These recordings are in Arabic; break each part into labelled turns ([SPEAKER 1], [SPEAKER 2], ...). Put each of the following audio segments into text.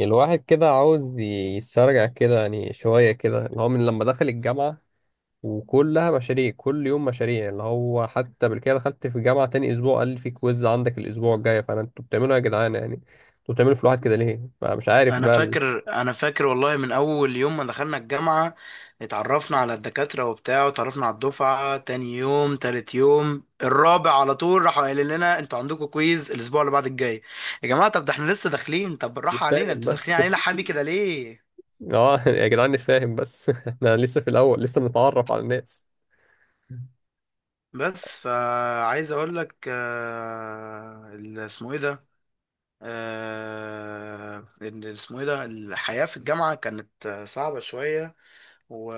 [SPEAKER 1] الواحد كده عاوز يسترجع كده، يعني شوية كده، اللي هو من لما دخل الجامعة. وكلها مشاريع، كل يوم مشاريع. اللي هو حتى بالكده دخلت في الجامعة تاني أسبوع، قال لي في كويز عندك الأسبوع الجاي. فأنا أنتوا بتعملوا إيه يا جدعان؟ يعني أنتوا بتعملوا في الواحد كده ليه؟ فمش عارف
[SPEAKER 2] انا
[SPEAKER 1] بقى،
[SPEAKER 2] فاكر انا فاكر والله من اول يوم ما دخلنا الجامعه، اتعرفنا على الدكاتره وبتاع، واتعرفنا على الدفعه. تاني يوم تالت يوم الرابع على طول راحوا قايلين لنا انتوا عندكم كويز الاسبوع اللي بعد الجاي. يا جماعه، طب ده احنا لسه داخلين، طب بالراحه علينا،
[SPEAKER 1] نتفاهم
[SPEAKER 2] انتوا داخلين
[SPEAKER 1] بس.
[SPEAKER 2] علينا حبي كده ليه؟
[SPEAKER 1] أه يا جدعان، نتفاهم بس. إحنا لسه في الأول، لسه بنتعرف على الناس.
[SPEAKER 2] بس فعايز اقول لك اسمه ايه ده الحياه في الجامعه كانت صعبه شويه. و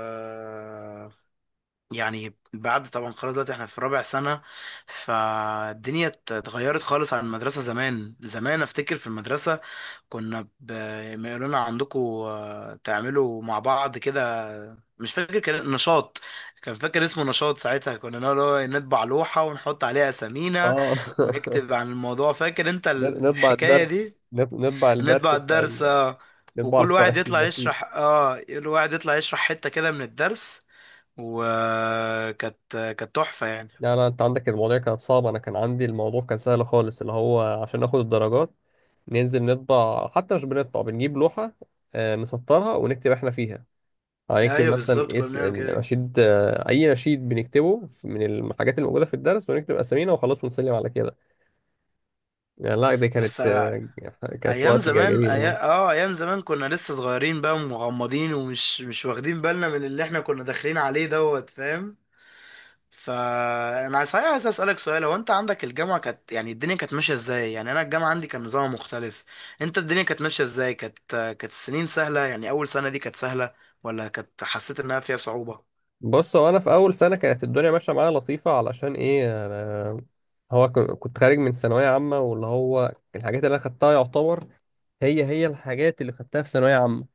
[SPEAKER 2] يعني بعد طبعا خلاص دلوقتي احنا في رابع سنة، فالدنيا اتغيرت خالص عن المدرسة. زمان زمان افتكر في المدرسة كنا ب... ما يقولوا لنا عندكم تعملوا مع بعض كده، مش فاكر كان نشاط، كان فاكر اسمه نشاط ساعتها، كنا نقول هو إيه، نطبع لوحة ونحط عليها أسامينا
[SPEAKER 1] أه.
[SPEAKER 2] ونكتب عن الموضوع. فاكر انت
[SPEAKER 1] نطبع
[SPEAKER 2] الحكاية
[SPEAKER 1] الدرس.
[SPEAKER 2] دي؟
[SPEAKER 1] نطبع الدرس
[SPEAKER 2] نطبع
[SPEAKER 1] بتاع
[SPEAKER 2] الدرس
[SPEAKER 1] نطبع
[SPEAKER 2] وكل واحد يطلع
[SPEAKER 1] المشيت.
[SPEAKER 2] يشرح، اه كل واحد يطلع يشرح حتة كده من الدرس. وكانت كانت تحفة يعني.
[SPEAKER 1] لا، لا، انت عندك المواضيع كانت صعبة، انا كان عندي الموضوع كان سهل خالص. اللي هو عشان ناخد الدرجات، ننزل نطبع. حتى مش بنطبع، بنجيب لوحة. نسطرها ونكتب احنا فيها. يعني نكتب
[SPEAKER 2] ايوه بالظبط
[SPEAKER 1] مثلا
[SPEAKER 2] كنا
[SPEAKER 1] اس
[SPEAKER 2] بنعمل كده.
[SPEAKER 1] النشيد، اي نشيد بنكتبه من الحاجات الموجودة في الدرس، ونكتب اسامينا وخلاص، ونسلم على كده يعني. لا، دي
[SPEAKER 2] بس
[SPEAKER 1] كانت آه، كانت
[SPEAKER 2] ايام
[SPEAKER 1] وقت
[SPEAKER 2] زمان
[SPEAKER 1] جميل اهو.
[SPEAKER 2] اه ايام زمان كنا لسه صغيرين بقى ومغمضين ومش مش واخدين بالنا من اللي احنا كنا داخلين عليه، دوت فاهم؟ فانا صحيح عايز اسالك سؤال، هو انت عندك الجامعه كانت يعني الدنيا كانت ماشيه ازاي؟ يعني انا الجامعه عندي كان نظام مختلف. انت الدنيا كانت ماشيه ازاي؟ كانت السنين سهله يعني؟ اول سنه دي كانت سهله ولا كانت حسيت انها فيها صعوبه؟
[SPEAKER 1] بص، هو انا في اول سنة كانت الدنيا ماشية معايا لطيفة. علشان ايه؟ هو كنت خارج من ثانوية عامة، واللي هو الحاجات اللي أنا خدتها يعتبر هي هي الحاجات اللي خدتها في ثانوية عامة.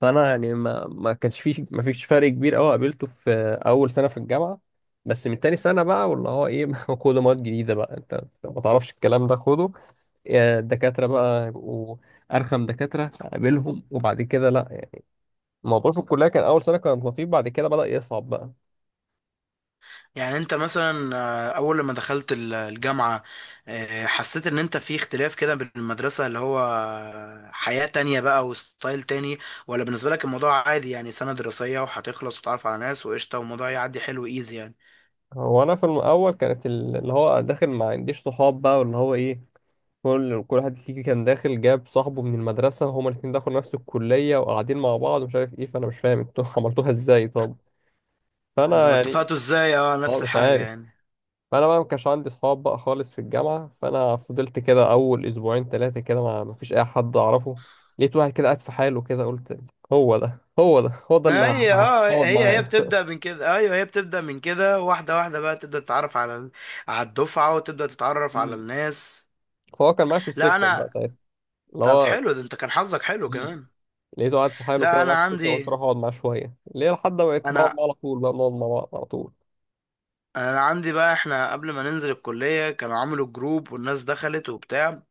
[SPEAKER 1] فأنا يعني ما كانش فيه، ما فيش فرق كبير أوي قابلته في أول سنة في الجامعة. بس من تاني سنة بقى، واللي هو إيه؟ خد مواد جديدة بقى، أنت ما تعرفش الكلام ده، خده. يا الدكاترة بقى يبقوا أرخم دكاترة قابلهم. وبعد كده لأ. الموضوع في الكلية كان أول سنة كان لطيف، بعد كده بدأ يصعب بقى.
[SPEAKER 2] يعني انت مثلا اول لما دخلت الجامعة، حسيت ان انت في اختلاف كده بين المدرسة اللي هو حياة تانية بقى وستايل تاني، ولا بالنسبة لك الموضوع عادي يعني سنة دراسية وهتخلص وتتعرف على ناس وقشطة والموضوع يعدي حلو ايزي يعني؟
[SPEAKER 1] هو أنا في الأول كانت اللي هو داخل ما عنديش صحاب بقى، واللي هو إيه. كل واحد فيك كان داخل جاب صاحبه من المدرسة، هما الاتنين دخلوا نفس الكلية وقاعدين مع بعض ومش عارف ايه. فأنا مش فاهم انتوا عملتوها ازاي طب؟ فأنا
[SPEAKER 2] انتوا
[SPEAKER 1] يعني.
[SPEAKER 2] اتفقتوا ازاي؟ اه نفس
[SPEAKER 1] اه، مش
[SPEAKER 2] الحاجة
[SPEAKER 1] عارف.
[SPEAKER 2] يعني.
[SPEAKER 1] فأنا بقى ما كانش عندي صحاب بقى خالص في الجامعة. فأنا فضلت كده أول أسبوعين تلاتة كده، ما فيش أي حد أعرفه. لقيت واحد كده قاعد في حاله كده، قلت هو ده، هو ده، هو ده اللي
[SPEAKER 2] ما هي اه
[SPEAKER 1] هقعد
[SPEAKER 2] هي هي
[SPEAKER 1] معاه.
[SPEAKER 2] بتبدأ من كده، ايوه هي بتبدأ من كده، واحدة واحدة بقى تبدأ تتعرف على على الدفعة وتبدأ تتعرف على
[SPEAKER 1] امم
[SPEAKER 2] الناس.
[SPEAKER 1] فهو كان معايا في
[SPEAKER 2] لا
[SPEAKER 1] السكشن بقى
[SPEAKER 2] انا
[SPEAKER 1] ساعتها، اللي
[SPEAKER 2] طب
[SPEAKER 1] هو.
[SPEAKER 2] حلو، ده انت كان حظك حلو
[SPEAKER 1] امم
[SPEAKER 2] كمان.
[SPEAKER 1] لقيته قاعد في حاله
[SPEAKER 2] لا
[SPEAKER 1] كده
[SPEAKER 2] انا
[SPEAKER 1] معايا في السكشن، قلت
[SPEAKER 2] عندي
[SPEAKER 1] أروح أقعد معاه شوية ليه، لحد ما بقيت بقعد
[SPEAKER 2] انا
[SPEAKER 1] معاه على طول بقى، بنقعد مع بعض على طول.
[SPEAKER 2] انا عندي بقى، احنا قبل ما ننزل الكلية كانوا عملوا جروب والناس دخلت وبتاع،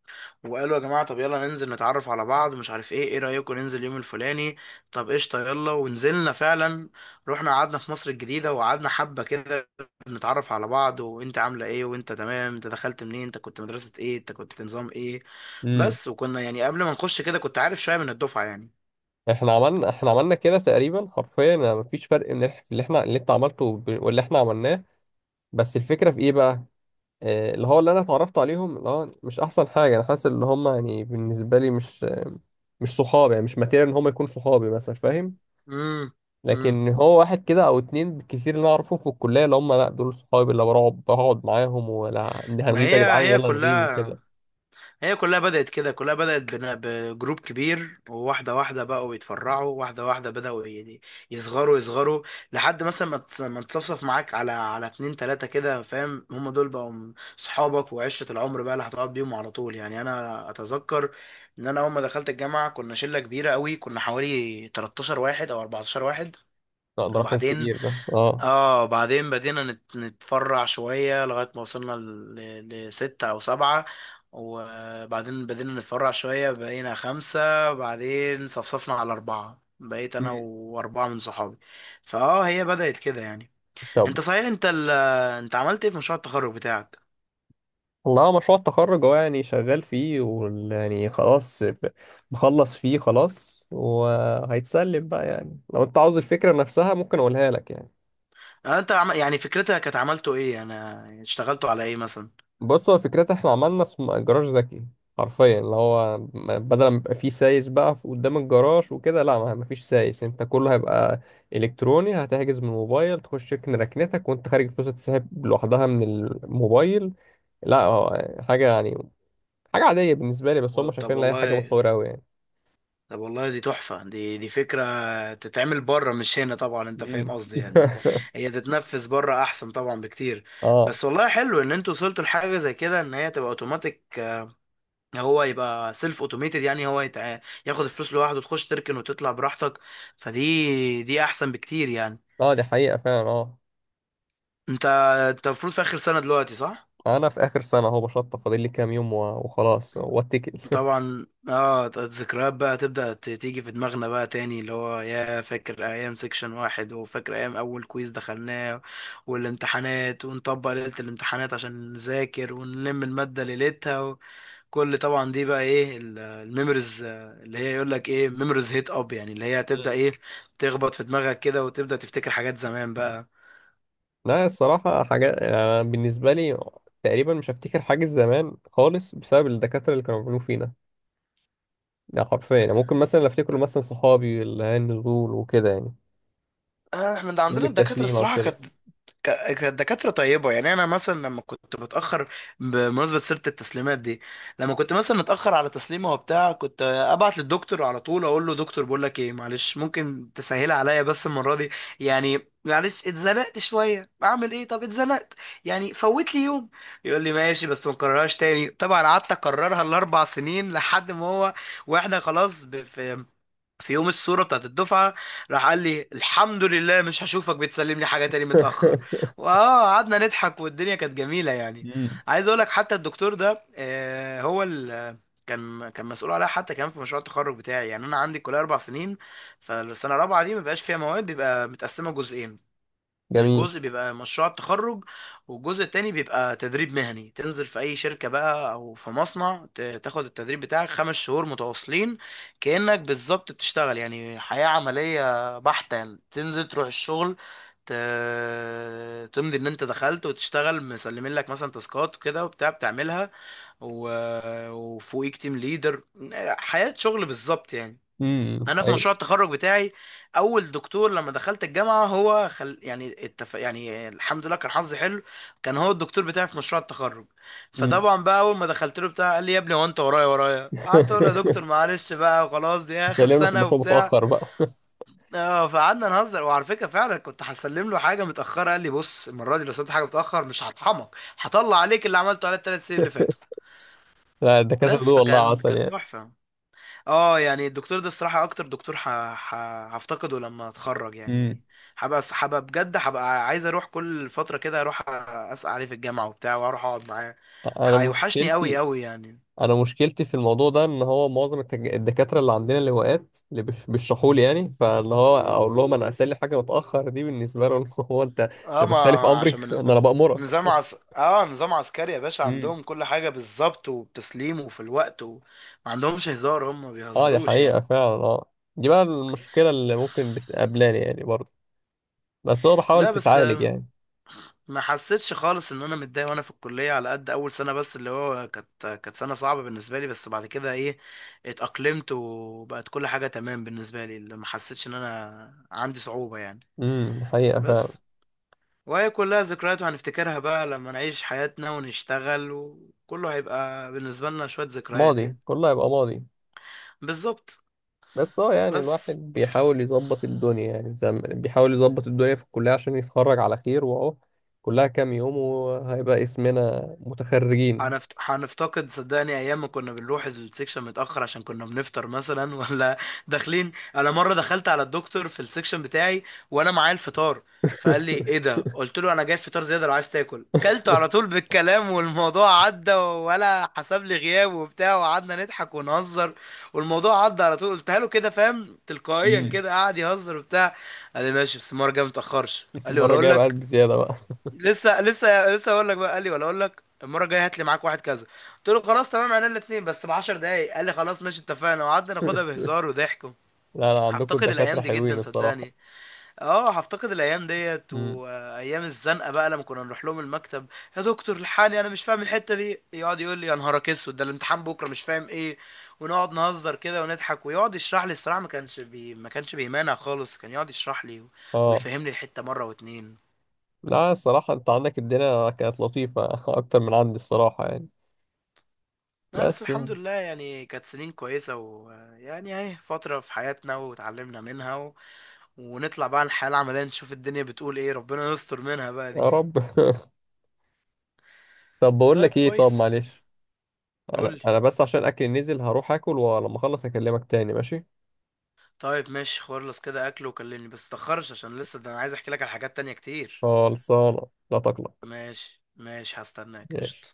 [SPEAKER 2] وقالوا يا جماعة طب يلا ننزل نتعرف على بعض، مش عارف ايه، ايه رأيكم ننزل يوم الفلاني؟ طب قشطة، يلا. ونزلنا فعلا، رحنا قعدنا في مصر الجديدة وقعدنا حبة كده نتعرف على بعض، وانت عاملة ايه، وانت تمام، انت دخلت منين، انت كنت مدرسة ايه، انت كنت نظام ايه.
[SPEAKER 1] امم.
[SPEAKER 2] بس، وكنا يعني قبل ما نخش كده كنت عارف شوية من الدفعة يعني.
[SPEAKER 1] احنا عملنا كده تقريبا حرفيا، يعني مفيش فرق ان إح- في اللي احنا اللي انت عملته واللي احنا عملناه. بس الفكره في ايه بقى؟ اللي هو، اللي انا اتعرفت عليهم، اللي هو مش احسن حاجه. انا حاسس ان هم يعني بالنسبه لي مش صحابي، يعني مش ماتيريال ان هم يكونوا صحابي مثلا، فاهم.
[SPEAKER 2] امم. امم.
[SPEAKER 1] لكن هو واحد كده او اتنين بالكثير اللي انا اعرفهم في الكليه، اللي هم لا دول صحابي، اللي بقعد معاهم، ولا
[SPEAKER 2] ما
[SPEAKER 1] هنغيب يا
[SPEAKER 2] هي
[SPEAKER 1] جدعان
[SPEAKER 2] هي
[SPEAKER 1] يلا نغيب
[SPEAKER 2] كلها،
[SPEAKER 1] وكده.
[SPEAKER 2] هي كلها بدأت كده، كلها بدأت بجروب كبير، وواحدة واحدة بقوا يتفرعوا، واحدة واحدة بدأوا يعني يصغروا يصغروا، لحد مثلا ما تصفصف معاك على على اتنين تلاتة كده، فاهم؟ هم دول بقوا صحابك وعشرة العمر بقى اللي هتقعد بيهم على طول يعني. أنا أتذكر إن أنا أول ما دخلت الجامعة كنا شلة كبيرة قوي، كنا حوالي 13 واحد أو 14 واحد.
[SPEAKER 1] لا، ده رقم
[SPEAKER 2] وبعدين
[SPEAKER 1] كبير ده، اه.
[SPEAKER 2] اه بعدين بدينا نتفرع شوية لغاية ما وصلنا لستة أو سبعة، وبعدين بدينا نتفرع شوية بقينا خمسة، بعدين صفصفنا على أربعة، بقيت أنا
[SPEAKER 1] مم.
[SPEAKER 2] وأربعة من صحابي. فاه هي بدأت كده يعني.
[SPEAKER 1] طب
[SPEAKER 2] أنت صحيح أنت عملت إيه في مشروع التخرج بتاعك؟
[SPEAKER 1] والله، هو مشروع التخرج، هو يعني شغال فيه ويعني خلاص، بخلص فيه خلاص وهيتسلم بقى. يعني لو انت عاوز الفكرة نفسها ممكن اقولها لك يعني.
[SPEAKER 2] يعني فكرتها كانت، عملته إيه؟ أنا اشتغلتوا على إيه مثلا؟
[SPEAKER 1] بص، هو فكرتها احنا عملنا جراج ذكي. حرفيا، اللي هو بدل ما يبقى فيه سايس بقى قدام الجراج وكده. لا، ما فيش سايس. انت كله هيبقى الكتروني، هتحجز من الموبايل، تخش تكن ركنتك، وانت خارج الفلوس هتسحب لوحدها من الموبايل. لا هو حاجة يعني، حاجة عادية بالنسبة لي، بس
[SPEAKER 2] و-
[SPEAKER 1] هم
[SPEAKER 2] طب
[SPEAKER 1] شايفين ان هي حاجة
[SPEAKER 2] والله
[SPEAKER 1] متطورة أوي يعني.
[SPEAKER 2] طب والله دي تحفة، دي فكرة تتعمل بره مش هنا طبعا، انت
[SPEAKER 1] مم.
[SPEAKER 2] فاهم قصدي يعني. هي تتنفذ بره احسن طبعا بكتير.
[SPEAKER 1] اه.
[SPEAKER 2] بس والله حلو ان انتوا وصلتوا لحاجة زي كده، ان هي تبقى اوتوماتيك، هو يبقى سيلف اوتوميتد، يعني ياخد الفلوس لوحده، تخش تركن وتطلع براحتك. فدي احسن بكتير يعني.
[SPEAKER 1] اه، دي حقيقة فعلا، اه.
[SPEAKER 2] انت انت المفروض في اخر سنة دلوقتي، صح؟
[SPEAKER 1] انا في اخر سنة اهو، بشطب، فاضل لي كام يوم وخلاص واتكل.
[SPEAKER 2] طبعا اه الذكريات بقى تبدأ تيجي في دماغنا بقى تاني، اللي هو يا فاكر ايام سيكشن واحد، وفاكر ايام اول كويز دخلناه والامتحانات، ونطبق ليلة الامتحانات عشان نذاكر ونلم المادة ليلتها. وكل طبعا دي بقى ايه الميموريز اللي هي يقول لك ايه ميموريز هيت اب، يعني اللي هي هتبدأ
[SPEAKER 1] مم.
[SPEAKER 2] ايه تخبط في دماغك كده وتبدأ تفتكر حاجات زمان بقى.
[SPEAKER 1] لا الصراحة، حاجات أنا بالنسبة لي تقريبا مش هفتكر حاجة زمان خالص، بسبب الدكاترة اللي كانوا بيعملوا فينا. ده حرفيا يعني. ممكن مثلا اللي افتكره مثلا صحابي، اللي هي النزول وكده يعني،
[SPEAKER 2] احنا ده
[SPEAKER 1] يوم
[SPEAKER 2] عندنا الدكاترة
[SPEAKER 1] التسليمة
[SPEAKER 2] الصراحة
[SPEAKER 1] وكده.
[SPEAKER 2] كانت كانت دكاترة طيبة يعني. أنا مثلا لما كنت متأخر، بمناسبة سيرة التسليمات دي، لما كنت مثلا متأخر على تسليمة وبتاع كنت أبعت للدكتور على طول أقول له دكتور بقول لك إيه معلش ممكن تسهلها عليا بس المرة دي، يعني معلش اتزنقت شوية، أعمل إيه طب اتزنقت، يعني فوت لي يوم. يقول لي ماشي بس ما تكررهاش تاني، طبعا قعدت أكررها الأربع سنين لحد ما هو، وإحنا خلاص في يوم الصورة بتاعت الدفعة، راح قال لي الحمد لله مش هشوفك بتسلم لي حاجة تاني متأخر. واه قعدنا نضحك والدنيا كانت جميلة يعني.
[SPEAKER 1] مم.
[SPEAKER 2] عايز اقول لك حتى الدكتور ده آه، هو ال كان مسؤول عليها حتى كمان في مشروع التخرج بتاعي. يعني انا عندي الكليه اربع سنين، فالسنه الرابعه دي ما بيبقاش فيها مواد، بيبقى متقسمه جزئين:
[SPEAKER 1] جميل.
[SPEAKER 2] الجزء بيبقى مشروع التخرج، والجزء التاني بيبقى تدريب مهني تنزل في أي شركة بقى أو في مصنع تاخد التدريب بتاعك خمس شهور متواصلين كأنك بالظبط بتشتغل، يعني حياة عملية بحتة يعني. تنزل تروح الشغل، ت... تمضي إن أنت دخلت وتشتغل، مسلمين لك مثلا تاسكات وكده وبتاع بتعملها، و... وفوقيك تيم ليدر. حياة شغل بالظبط يعني.
[SPEAKER 1] امم،
[SPEAKER 2] انا في
[SPEAKER 1] حقيقي.
[SPEAKER 2] مشروع التخرج بتاعي، اول دكتور لما دخلت الجامعه هو يعني الحمد لله كان حظي حلو، كان هو الدكتور بتاعي في مشروع التخرج.
[SPEAKER 1] امم.
[SPEAKER 2] فطبعا بقى اول ما دخلت له بتاع قال لي يا ابني هو انت ورايا ورايا، قعدت اقول له يا دكتور معلش بقى خلاص دي اخر
[SPEAKER 1] سلم لك
[SPEAKER 2] سنه
[SPEAKER 1] المشروع
[SPEAKER 2] وبتاع.
[SPEAKER 1] متأخر بقى.
[SPEAKER 2] اه فقعدنا نهزر. وعلى فكره فعلا كنت هسلم له حاجه متاخره، قال لي بص المره دي لو سلمت حاجه متاخر مش هطحنك، هطلع عليك اللي عملته على الثلاث سنين اللي فاتوا.
[SPEAKER 1] لا الدكاترة دول
[SPEAKER 2] بس
[SPEAKER 1] والله
[SPEAKER 2] فكان كانت
[SPEAKER 1] عسل
[SPEAKER 2] تحفه. اه يعني الدكتور ده الصراحة اكتر دكتور ح... هفتقده لما اتخرج
[SPEAKER 1] يعني.
[SPEAKER 2] يعني. هبقى بجد هبقى عايز اروح كل فترة كده اروح اسأل عليه في الجامعة وبتاع واروح اقعد معاه.
[SPEAKER 1] انا
[SPEAKER 2] هيوحشني قوي
[SPEAKER 1] مشكلتي
[SPEAKER 2] قوي يعني.
[SPEAKER 1] انا مشكلتي في الموضوع ده، ان هو معظم الدكاتره اللي عندنا اللواءات، اللي بيشرحوا لي يعني. فاللي هو اقول لهم انا، اسال لي حاجه متاخر دي بالنسبه لهم، هو انت
[SPEAKER 2] اه
[SPEAKER 1] انت
[SPEAKER 2] ما
[SPEAKER 1] بتخالف امري،
[SPEAKER 2] عشان
[SPEAKER 1] ده
[SPEAKER 2] بالنسبة لي
[SPEAKER 1] انا بامرك.
[SPEAKER 2] اه نظام عسكري يا باشا،
[SPEAKER 1] امم،
[SPEAKER 2] عندهم كل حاجة بالظبط وبتسليم وفي الوقت، وما عندهمش هزار، هم ما
[SPEAKER 1] اه، دي
[SPEAKER 2] بيهزروش
[SPEAKER 1] حقيقه
[SPEAKER 2] يعني.
[SPEAKER 1] فعلا، اه. دي بقى المشكله اللي ممكن بتقابلاني يعني برضه، بس هو بحاول
[SPEAKER 2] لا بس
[SPEAKER 1] تتعالج يعني.
[SPEAKER 2] ما حسيتش خالص ان انا متضايق وانا في الكليه، على قد اول سنه بس اللي هو كانت سنه صعبه بالنسبه لي، بس بعد كده ايه، اتاقلمت وبقت كل حاجه تمام بالنسبه لي، اللي ما حسيتش ان انا عندي صعوبه يعني.
[SPEAKER 1] امم، حقيقه فعلا.
[SPEAKER 2] بس وهي كلها ذكريات، وهنفتكرها بقى لما نعيش حياتنا ونشتغل، وكله هيبقى بالنسبه لنا شويه ذكريات
[SPEAKER 1] ماضي،
[SPEAKER 2] يعني.
[SPEAKER 1] كله هيبقى ماضي.
[SPEAKER 2] بالظبط.
[SPEAKER 1] بس اه يعني الواحد
[SPEAKER 2] بس
[SPEAKER 1] بيحاول يظبط الدنيا يعني بيحاول يظبط الدنيا في الكلية عشان يتخرج على خير واهو. كلها كام يوم وهيبقى اسمنا متخرجين.
[SPEAKER 2] هنفتقد صدقني ايام ما كنا بنروح السكشن متاخر عشان كنا بنفطر مثلا ولا داخلين. انا مره دخلت على الدكتور في السكشن بتاعي وانا معايا الفطار، فقال لي ايه ده، قلت له انا جايب فطار زياده لو عايز تاكل. كلته على طول بالكلام والموضوع عدى، ولا حسب لي غياب وبتاع، وقعدنا نضحك ونهزر والموضوع عدى على طول. قلتها له كده فاهم تلقائيا
[SPEAKER 1] مم.
[SPEAKER 2] كده، قعد يهزر وبتاع. قال لي ماشي بس المره الجايه متاخرش، قال لي ولا
[SPEAKER 1] المرة
[SPEAKER 2] اقول
[SPEAKER 1] الجاية بقى
[SPEAKER 2] لك،
[SPEAKER 1] قلب زيادة بقى.
[SPEAKER 2] لسه لسه لسه اقول لك بقى، قال لي ولا اقول لك المره الجايه هات لي معاك واحد كذا. قلت له خلاص تمام، عنا الاثنين بس ب 10 دقايق، قال لي خلاص ماشي اتفقنا، وقعدنا ناخدها بهزار وضحك.
[SPEAKER 1] لا، لا، عندكم
[SPEAKER 2] هفتقد
[SPEAKER 1] الدكاترة
[SPEAKER 2] الايام دي
[SPEAKER 1] حلوين
[SPEAKER 2] جدا
[SPEAKER 1] الصراحة.
[SPEAKER 2] صدقني. اه هفتقد الايام ديت
[SPEAKER 1] امم.
[SPEAKER 2] وايام الزنقه بقى لما كنا نروح لهم المكتب، يا دكتور الحقني انا مش فاهم الحته دي، يقعد يقول لي يا نهارك اسود ده الامتحان بكره مش فاهم ايه، ونقعد نهزر كده ونضحك، ويقعد يشرح لي. الصراحه ما كانش بيمانع خالص، كان يقعد يشرح لي
[SPEAKER 1] اه،
[SPEAKER 2] ويفهمني الحته مره واتنين.
[SPEAKER 1] لا الصراحة، انت عندك الدنيا كانت لطيفة اكتر من عندي الصراحة يعني.
[SPEAKER 2] لا بس
[SPEAKER 1] بس
[SPEAKER 2] الحمد
[SPEAKER 1] يا
[SPEAKER 2] لله يعني كانت سنين كويسة، ويعني اهي فترة في حياتنا وتعلمنا منها، ونطلع بقى الحياة العملية نشوف الدنيا بتقول ايه، ربنا يستر منها بقى دي.
[SPEAKER 1] رب. طب بقول
[SPEAKER 2] طيب
[SPEAKER 1] لك ايه، طب
[SPEAKER 2] كويس،
[SPEAKER 1] معلش. انا
[SPEAKER 2] قولي.
[SPEAKER 1] انا بس عشان اكل نزل، هروح اكل ولما اخلص اكلمك تاني ماشي؟
[SPEAKER 2] طيب ماشي، خلص كده اكل وكلمني بس متأخرش عشان لسه ده انا عايز احكي لك على حاجات تانية كتير.
[SPEAKER 1] خلصانة، لا تقلق.
[SPEAKER 2] ماشي ماشي، هستناك قشطة.
[SPEAKER 1] ماشي.